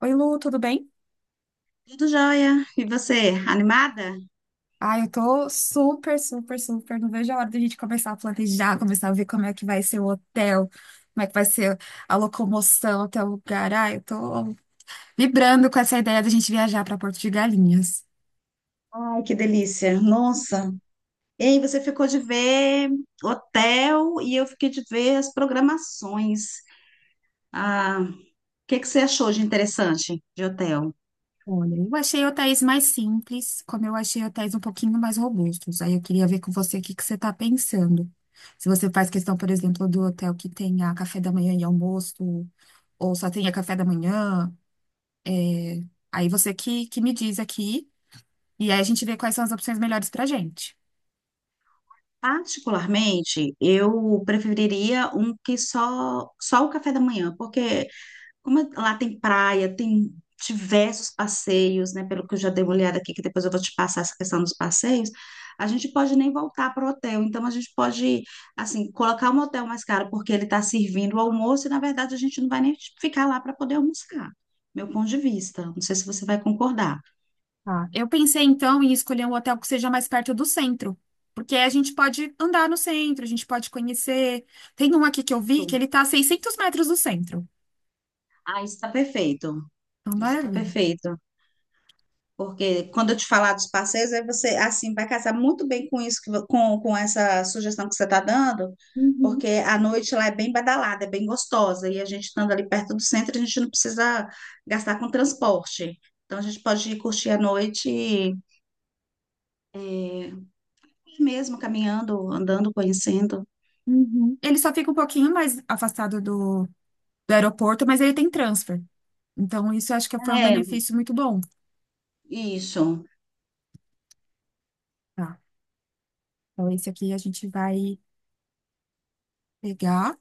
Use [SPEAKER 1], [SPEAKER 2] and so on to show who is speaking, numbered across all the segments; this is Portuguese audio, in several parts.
[SPEAKER 1] Oi, Lu, tudo bem?
[SPEAKER 2] Tudo jóia. E você, animada?
[SPEAKER 1] Ah, eu tô super, super, super. Não vejo a hora da gente começar a planejar, começar a ver como é que vai ser o hotel, como é que vai ser a locomoção até o lugar. Ah, eu tô vibrando com essa ideia da gente viajar para Porto de Galinhas.
[SPEAKER 2] Ai, que delícia. Nossa. E aí, você ficou de ver hotel e eu fiquei de ver as programações. O que que você achou de interessante de hotel?
[SPEAKER 1] Olha, eu achei hotéis mais simples, como eu achei hotéis um pouquinho mais robustos. Aí eu queria ver com você o que que você tá pensando. Se você faz questão, por exemplo, do hotel que tenha café da manhã e almoço, ou só tenha café da manhã. Aí você que me diz aqui. E aí a gente vê quais são as opções melhores pra gente.
[SPEAKER 2] Particularmente, eu preferiria um que só o café da manhã, porque lá tem praia, tem diversos passeios, né? Pelo que eu já dei uma olhada aqui, que depois eu vou te passar essa questão dos passeios, a gente pode nem voltar para o hotel. Então, a gente pode, assim, colocar um hotel mais caro, porque ele está servindo o almoço e, na verdade, a gente não vai nem ficar lá para poder almoçar. Meu ponto de vista. Não sei se você vai concordar.
[SPEAKER 1] Tá. Eu pensei então em escolher um hotel que seja mais perto do centro, porque a gente pode andar no centro, a gente pode conhecer. Tem um aqui que eu vi que
[SPEAKER 2] Isso.
[SPEAKER 1] ele tá a 600 metros do centro.
[SPEAKER 2] Ah, isso está perfeito.
[SPEAKER 1] Então,
[SPEAKER 2] Isso está
[SPEAKER 1] maravilha.
[SPEAKER 2] perfeito. Porque quando eu te falar dos parceiros, aí você assim vai casar muito bem com isso, que com essa sugestão que você está dando, porque
[SPEAKER 1] Uhum,
[SPEAKER 2] a noite lá é bem badalada, é bem gostosa, e a gente estando ali perto do centro, a gente não precisa gastar com transporte. Então a gente pode ir curtir a noite é, mesmo, caminhando, andando, conhecendo.
[SPEAKER 1] uhum. Ele só fica um pouquinho mais afastado do aeroporto, mas ele tem transfer. Então, isso eu acho que foi um
[SPEAKER 2] É,
[SPEAKER 1] benefício muito bom.
[SPEAKER 2] isso.
[SPEAKER 1] Tá. Então, esse aqui a gente vai pegar.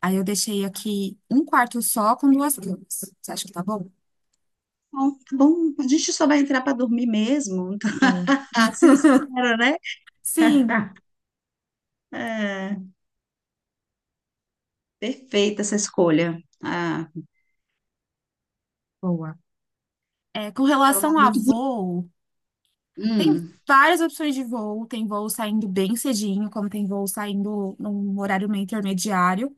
[SPEAKER 1] Aí eu deixei aqui um quarto só com duas camas. Você acha que tá bom?
[SPEAKER 2] Bom, tá bom, a gente só vai entrar para dormir mesmo.
[SPEAKER 1] Boa.
[SPEAKER 2] Então, assim espero, né?
[SPEAKER 1] Sim.
[SPEAKER 2] É, perfeita essa escolha. Ah,
[SPEAKER 1] Boa. É, com
[SPEAKER 2] é um lugar
[SPEAKER 1] relação a
[SPEAKER 2] muito bonito.
[SPEAKER 1] voo, tem
[SPEAKER 2] Hum,
[SPEAKER 1] várias opções de voo. Tem voo saindo bem cedinho, como tem voo saindo num horário meio intermediário.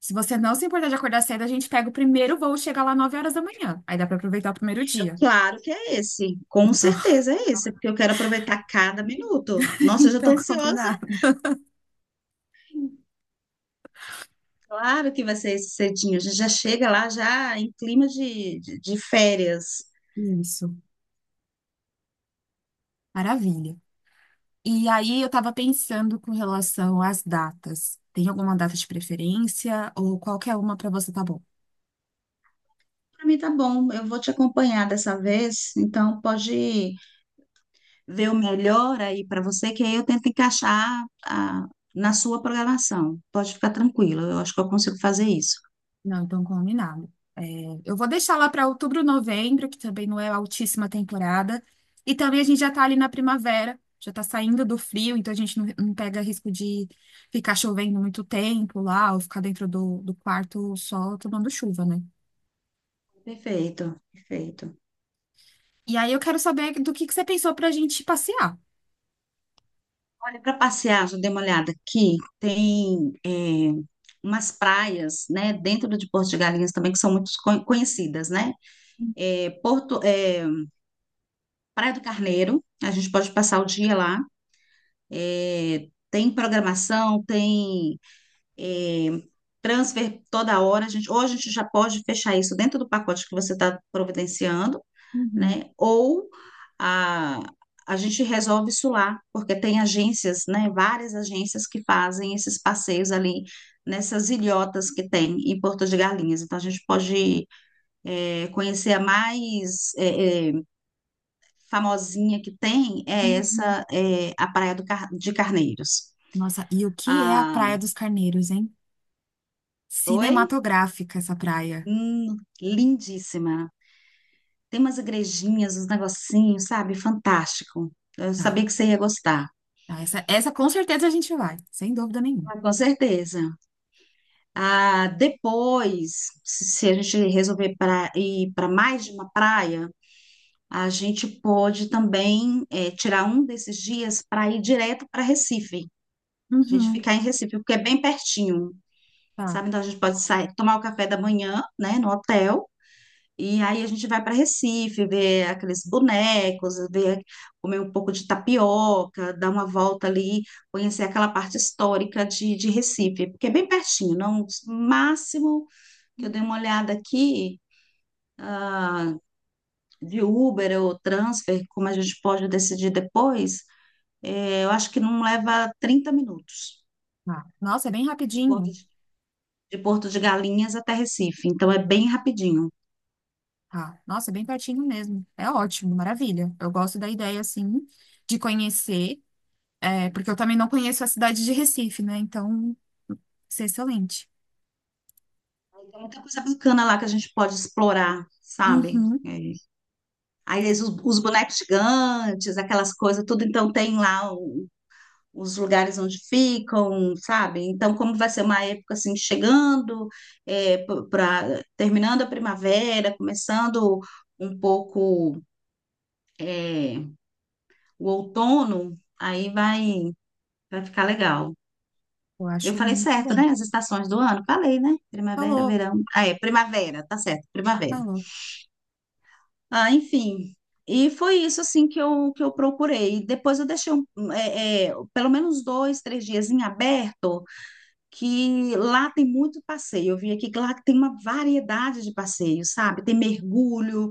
[SPEAKER 1] Se você não se importar de acordar cedo, a gente pega o primeiro voo e chega lá 9 horas da manhã. Aí dá para aproveitar o primeiro dia.
[SPEAKER 2] Claro que é esse, com
[SPEAKER 1] Então,
[SPEAKER 2] certeza é esse, porque eu quero aproveitar cada minuto. Nossa, eu já
[SPEAKER 1] então
[SPEAKER 2] estou ansiosa.
[SPEAKER 1] combinado.
[SPEAKER 2] Claro que vai ser esse cedinho. A gente já chega lá já em clima de férias.
[SPEAKER 1] Isso. Maravilha. E aí eu estava pensando com relação às datas. Tem alguma data de preferência ou qualquer uma para você tá bom?
[SPEAKER 2] Para mim tá bom, eu vou te acompanhar dessa vez, então pode ver o melhor aí para você, que aí eu tento encaixar na sua programação. Pode ficar tranquila, eu acho que eu consigo fazer isso.
[SPEAKER 1] Não, então combinado. É, eu vou deixar lá para outubro, novembro, que também não é altíssima temporada. E também a gente já está ali na primavera, já está saindo do frio, então a gente não pega risco de ficar chovendo muito tempo lá, ou ficar dentro do quarto só tomando chuva, né?
[SPEAKER 2] Perfeito, perfeito.
[SPEAKER 1] E aí eu quero saber do que você pensou para a gente passear.
[SPEAKER 2] Olha, para passear, já dei uma olhada aqui, tem umas praias, né, dentro de Porto de Galinhas também, que são muito conhecidas, né? É, Porto, é, Praia do Carneiro, a gente pode passar o dia lá. É, tem programação, tem é, transfer toda hora. A gente, ou a gente já pode fechar isso dentro do pacote que você está providenciando,
[SPEAKER 1] Uhum,
[SPEAKER 2] né? Ou a, a gente resolve isso lá, porque tem agências, né? Várias agências que fazem esses passeios ali nessas ilhotas que tem em Porto de Galinhas. Então a gente pode conhecer a mais famosinha que tem é
[SPEAKER 1] uhum.
[SPEAKER 2] essa, é, a Praia de Carneiros.
[SPEAKER 1] Nossa, e o que é a
[SPEAKER 2] Ah,
[SPEAKER 1] Praia dos Carneiros, hein?
[SPEAKER 2] oi?
[SPEAKER 1] Cinematográfica essa praia.
[SPEAKER 2] Lindíssima. Tem umas igrejinhas, uns negocinhos, sabe? Fantástico. Eu sabia
[SPEAKER 1] Tá.
[SPEAKER 2] que você ia gostar.
[SPEAKER 1] Ah, essa com certeza a gente vai, sem dúvida nenhuma.
[SPEAKER 2] Ah, com certeza. Ah, depois, se se a gente resolver ir para mais de uma praia, a gente pode também tirar um desses dias para ir direto para Recife. A gente
[SPEAKER 1] Uhum.
[SPEAKER 2] ficar em Recife, porque é bem pertinho,
[SPEAKER 1] Tá,
[SPEAKER 2] sabe? Então a gente pode sair, tomar o café da manhã, né, no hotel, e aí a gente vai para Recife, ver aqueles bonecos, ver, comer um pouco de tapioca, dar uma volta ali, conhecer aquela parte histórica de Recife, porque é bem pertinho, não? Máximo que eu dei uma olhada aqui, ah, de Uber ou transfer, como a gente pode decidir depois, eu acho que não leva 30 minutos
[SPEAKER 1] tá. Nossa, é bem
[SPEAKER 2] de
[SPEAKER 1] rapidinho.
[SPEAKER 2] de Porto de Galinhas até Recife, então é bem rapidinho.
[SPEAKER 1] Tá. Nossa, é bem pertinho mesmo. É ótimo, maravilha. Eu gosto da ideia, assim, de conhecer, porque eu também não conheço a cidade de Recife, né? Então, isso é excelente.
[SPEAKER 2] Tem muita coisa bacana lá que a gente pode explorar, sabe?
[SPEAKER 1] Uhum,
[SPEAKER 2] Aí os bonecos gigantes, aquelas coisas, tudo, então tem lá os lugares onde ficam, sabe? Então, como vai ser uma época assim, chegando, é, para terminando a primavera, começando um pouco é, o outono, vai ficar legal.
[SPEAKER 1] eu
[SPEAKER 2] Eu
[SPEAKER 1] acho
[SPEAKER 2] falei
[SPEAKER 1] muito
[SPEAKER 2] certo,
[SPEAKER 1] bom.
[SPEAKER 2] né? As estações do ano, falei, né? Primavera,
[SPEAKER 1] Falou,
[SPEAKER 2] verão. Ah, é, primavera, tá certo, primavera.
[SPEAKER 1] falou.
[SPEAKER 2] Ah, enfim. E foi isso, assim, que que eu procurei. Depois eu deixei um, pelo menos dois, três dias em aberto, que lá tem muito passeio. Eu vi aqui que lá tem uma variedade de passeios, sabe? Tem mergulho,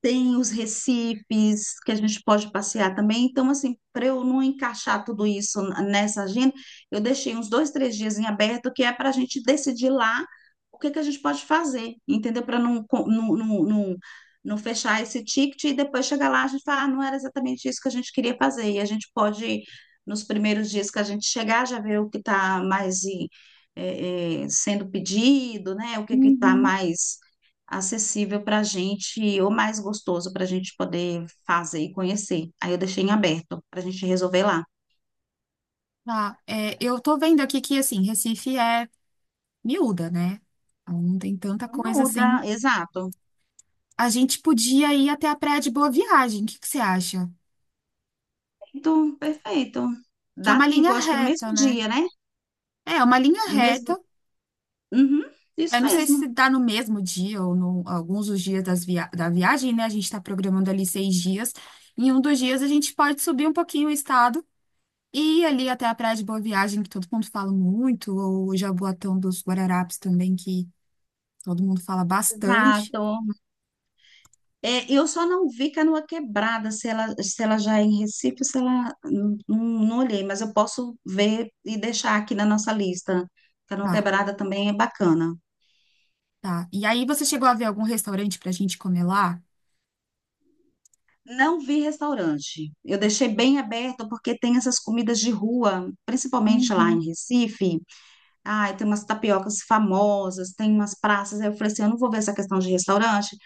[SPEAKER 2] tem os recifes que a gente pode passear também. Então, assim, para eu não encaixar tudo isso nessa agenda, eu deixei uns dois, três dias em aberto, que é para a gente decidir lá o que que a gente pode fazer, entendeu? Para não, não fechar esse ticket e depois chegar lá a gente falar ah, não era exatamente isso que a gente queria fazer. E a gente pode, nos primeiros dias que a gente chegar, já ver o que está mais sendo pedido, né? O que que está
[SPEAKER 1] Uhum.
[SPEAKER 2] mais acessível para a gente, ou mais gostoso para a gente poder fazer e conhecer. Aí eu deixei em aberto para a gente resolver lá.
[SPEAKER 1] Tá, eu tô vendo aqui que, assim, Recife é miúda, né? Então, não tem tanta coisa
[SPEAKER 2] Não, dá,
[SPEAKER 1] assim.
[SPEAKER 2] exato.
[SPEAKER 1] A gente podia ir até a Praia de Boa Viagem, o que que você acha?
[SPEAKER 2] Perfeito, perfeito.
[SPEAKER 1] Que é
[SPEAKER 2] Dá
[SPEAKER 1] uma linha
[SPEAKER 2] tempo, eu acho que no mesmo
[SPEAKER 1] reta, né?
[SPEAKER 2] dia, né?
[SPEAKER 1] É uma linha
[SPEAKER 2] No
[SPEAKER 1] reta.
[SPEAKER 2] mesmo. Uhum, isso
[SPEAKER 1] Eu não sei
[SPEAKER 2] mesmo.
[SPEAKER 1] se dá no mesmo dia ou no, alguns dos dias das da viagem, né? A gente está programando ali 6 dias. Em um dos dias a gente pode subir um pouquinho o estado e ir ali até a Praia de Boa Viagem, que todo mundo fala muito, ou o Jaboatão dos Guararapes também, que todo mundo fala bastante.
[SPEAKER 2] Exato. É, eu só não vi Canoa Quebrada, se se ela já é em Recife, se ela. Não, não olhei, mas eu posso ver e deixar aqui na nossa lista. Canoa
[SPEAKER 1] Tá,
[SPEAKER 2] Quebrada também é bacana.
[SPEAKER 1] tá. E aí você chegou a ver algum restaurante para a gente comer lá?
[SPEAKER 2] Não vi restaurante. Eu deixei bem aberto porque tem essas comidas de rua, principalmente lá
[SPEAKER 1] Uhum.
[SPEAKER 2] em Recife. Ai, tem umas tapiocas famosas, tem umas praças. Aí eu falei assim, eu não vou ver essa questão de restaurante,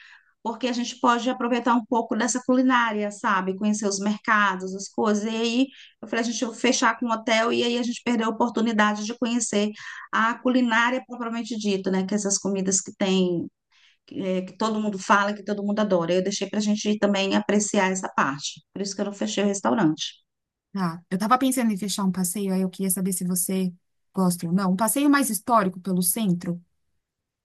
[SPEAKER 2] porque a gente pode aproveitar um pouco dessa culinária, sabe? Conhecer os mercados, as coisas. E aí eu falei, a gente vai fechar com um hotel e aí a gente perdeu a oportunidade de conhecer a culinária propriamente dita, né? Que é essas comidas que tem que todo mundo fala, que todo mundo adora. Eu deixei para a gente também apreciar essa parte. Por isso que eu não fechei o restaurante.
[SPEAKER 1] Tá. Eu tava pensando em fechar um passeio, aí eu queria saber se você gosta ou não. Um passeio mais histórico pelo centro.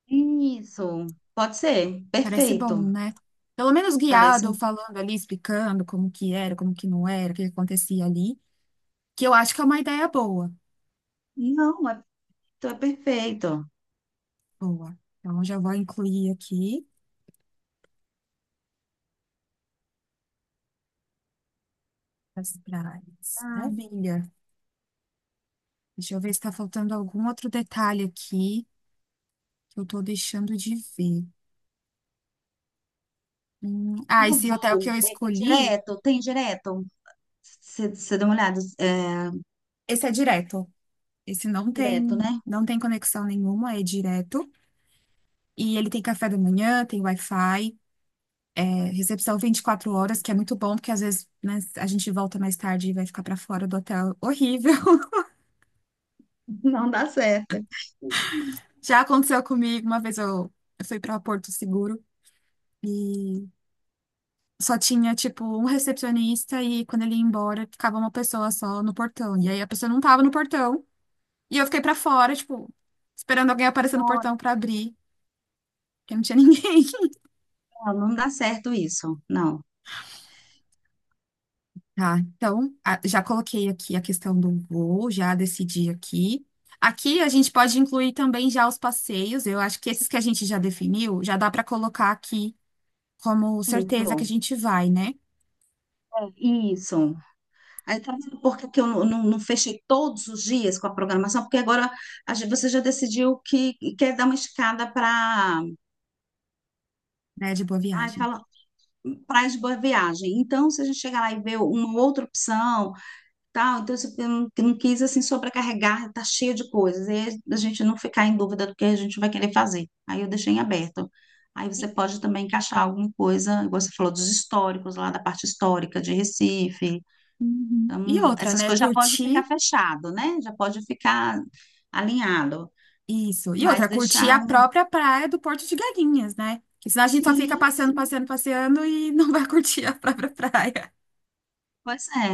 [SPEAKER 2] Isso, pode ser,
[SPEAKER 1] Parece
[SPEAKER 2] perfeito.
[SPEAKER 1] bom, né? Pelo menos
[SPEAKER 2] Parece
[SPEAKER 1] guiado, ou
[SPEAKER 2] um.
[SPEAKER 1] falando ali, explicando como que era, como que não era, o que acontecia ali, que eu acho que é uma ideia boa.
[SPEAKER 2] Não, é perfeito.
[SPEAKER 1] Boa. Então, já vou incluir aqui as praias.
[SPEAKER 2] Ah,
[SPEAKER 1] Maravilha. Deixa eu ver se está faltando algum outro detalhe aqui que eu estou deixando de ver. Ah,
[SPEAKER 2] no
[SPEAKER 1] esse hotel que
[SPEAKER 2] voo,
[SPEAKER 1] eu
[SPEAKER 2] é
[SPEAKER 1] escolhi,
[SPEAKER 2] direto, tem direto. Você deu uma olhada, é,
[SPEAKER 1] esse é direto. Esse não
[SPEAKER 2] direto,
[SPEAKER 1] tem,
[SPEAKER 2] né?
[SPEAKER 1] não tem conexão nenhuma, é direto. E ele tem café da manhã, tem Wi-Fi. É, recepção 24 horas, que é muito bom, porque às vezes, né, a gente volta mais tarde e vai ficar para fora do hotel. Horrível.
[SPEAKER 2] Não dá certo.
[SPEAKER 1] Já aconteceu comigo, uma vez eu fui pra Porto Seguro e só tinha, tipo, um recepcionista e quando ele ia embora, ficava uma pessoa só no portão. E aí a pessoa não tava no portão e eu fiquei para fora, tipo, esperando alguém aparecer no
[SPEAKER 2] Não,
[SPEAKER 1] portão para abrir, porque não tinha ninguém.
[SPEAKER 2] não, não dá certo isso, não.
[SPEAKER 1] Tá, então, já coloquei aqui a questão do voo, já decidi aqui. Aqui a gente pode incluir também já os passeios. Eu acho que esses que a gente já definiu, já dá para colocar aqui como certeza que a
[SPEAKER 2] Isso,
[SPEAKER 1] gente vai, né?
[SPEAKER 2] é, isso. Aí tá vendo por que que eu não fechei todos os dias com a programação? Porque agora a você já decidiu que quer dar uma escada para,
[SPEAKER 1] Né, de boa
[SPEAKER 2] ai,
[SPEAKER 1] viagem.
[SPEAKER 2] fala, praia de boa viagem. Então, se a gente chegar lá e ver uma outra opção, tal, então você não quis assim sobrecarregar, tá cheio de coisas. E aí a gente não ficar em dúvida do que a gente vai querer fazer. Aí eu deixei em aberto. Aí você pode também encaixar alguma coisa, igual você falou dos históricos lá da parte histórica de Recife.
[SPEAKER 1] Uhum. E
[SPEAKER 2] Então,
[SPEAKER 1] outra,
[SPEAKER 2] essas
[SPEAKER 1] né?
[SPEAKER 2] coisas já pode ficar
[SPEAKER 1] Curtir
[SPEAKER 2] fechado, né? Já pode ficar alinhado,
[SPEAKER 1] isso. E
[SPEAKER 2] mas
[SPEAKER 1] outra, curtir
[SPEAKER 2] deixar.
[SPEAKER 1] a própria praia do Porto de Galinhas, né? Porque senão a gente só fica
[SPEAKER 2] Sim,
[SPEAKER 1] passeando,
[SPEAKER 2] sim.
[SPEAKER 1] passeando, passeando e não vai curtir a própria praia.
[SPEAKER 2] Pois é,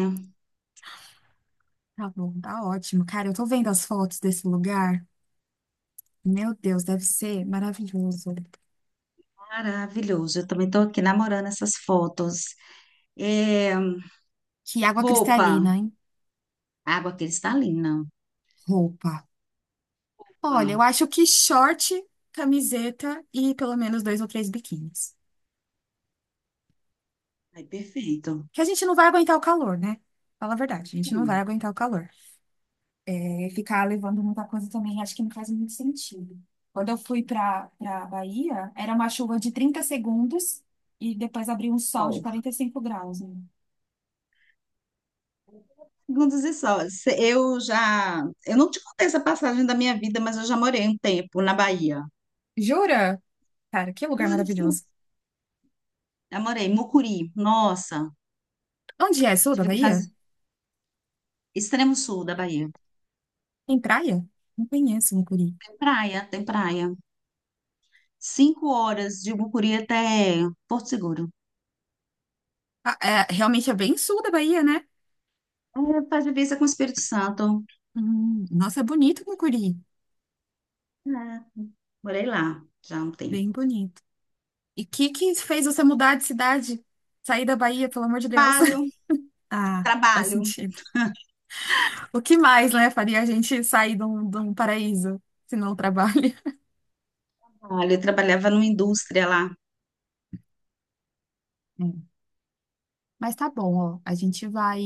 [SPEAKER 1] Tá bom, tá ótimo. Cara, eu tô vendo as fotos desse lugar. Meu Deus, deve ser maravilhoso.
[SPEAKER 2] maravilhoso. Eu também estou aqui namorando essas fotos. É,
[SPEAKER 1] Que água
[SPEAKER 2] roupa,
[SPEAKER 1] cristalina, hein?
[SPEAKER 2] água cristalina.
[SPEAKER 1] Roupa. Olha, eu
[SPEAKER 2] Opa,
[SPEAKER 1] acho que short, camiseta e pelo menos dois ou três biquínis.
[SPEAKER 2] aí, perfeito.
[SPEAKER 1] Que a gente não vai aguentar o calor, né? Fala a verdade, a gente não vai
[SPEAKER 2] Hum,
[SPEAKER 1] aguentar o calor. É, ficar levando muita coisa também, acho que não faz muito sentido. Quando eu fui para Bahia, era uma chuva de 30 segundos e depois abriu um sol de
[SPEAKER 2] Sol.
[SPEAKER 1] 45 graus, né?
[SPEAKER 2] Segundos e sóis. Eu já. Eu não te contei essa passagem da minha vida, mas eu já morei um tempo na Bahia.
[SPEAKER 1] Jura? Cara, que lugar maravilhoso.
[SPEAKER 2] Já morei em Mucuri. Nossa,
[SPEAKER 1] Onde é? Sul da
[SPEAKER 2] tive que
[SPEAKER 1] Bahia?
[SPEAKER 2] fazer extremo sul da Bahia.
[SPEAKER 1] Tem praia? Não conheço, não.
[SPEAKER 2] Tem praia, tem praia. 5 horas de Mucuri até Porto Seguro.
[SPEAKER 1] Ah, é, realmente é bem sul da Bahia, né?
[SPEAKER 2] É, faz divisa com o Espírito Santo.
[SPEAKER 1] Nossa, é bonito Mucuri.
[SPEAKER 2] É, morei lá já há um
[SPEAKER 1] Bem
[SPEAKER 2] tempo.
[SPEAKER 1] bonito. E o que que fez você mudar de cidade? Sair da Bahia, pelo amor de Deus.
[SPEAKER 2] Trabalho,
[SPEAKER 1] Ah, faz
[SPEAKER 2] trabalho,
[SPEAKER 1] sentido. O que mais, né, faria a gente sair de um paraíso, se não o trabalho?
[SPEAKER 2] trabalho. Eu trabalhava numa indústria lá.
[SPEAKER 1] É. Mas tá bom, ó. A gente vai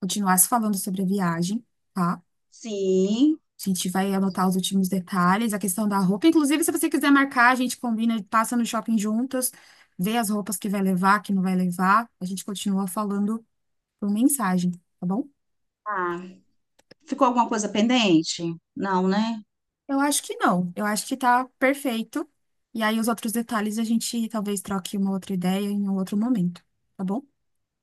[SPEAKER 1] continuar se falando sobre a viagem, tá?
[SPEAKER 2] Sim.
[SPEAKER 1] A gente vai anotar os últimos detalhes, a questão da roupa. Inclusive, se você quiser marcar, a gente combina, passa no shopping juntas, vê as roupas que vai levar, que não vai levar. A gente continua falando por mensagem, tá bom?
[SPEAKER 2] Ah, ficou alguma coisa pendente? Não, né?
[SPEAKER 1] Eu acho que não. Eu acho que tá perfeito. E aí, os outros detalhes a gente talvez troque uma outra ideia em um outro momento, tá bom?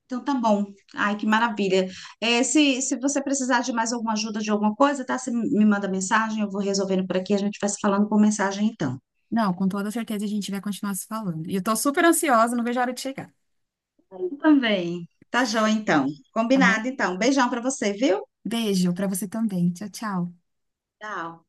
[SPEAKER 2] Então tá bom. Ai, que maravilha. É, se você precisar de mais alguma ajuda de alguma coisa, tá? Você me manda mensagem, eu vou resolvendo por aqui. A gente vai se falando por mensagem então.
[SPEAKER 1] Não, com toda certeza a gente vai continuar se falando. E eu tô super ansiosa, não vejo a hora de chegar,
[SPEAKER 2] Também. Tá joia, então.
[SPEAKER 1] tá bom?
[SPEAKER 2] Combinado, então. Beijão pra você, viu?
[SPEAKER 1] Beijo pra você também. Tchau, tchau.
[SPEAKER 2] Tchau.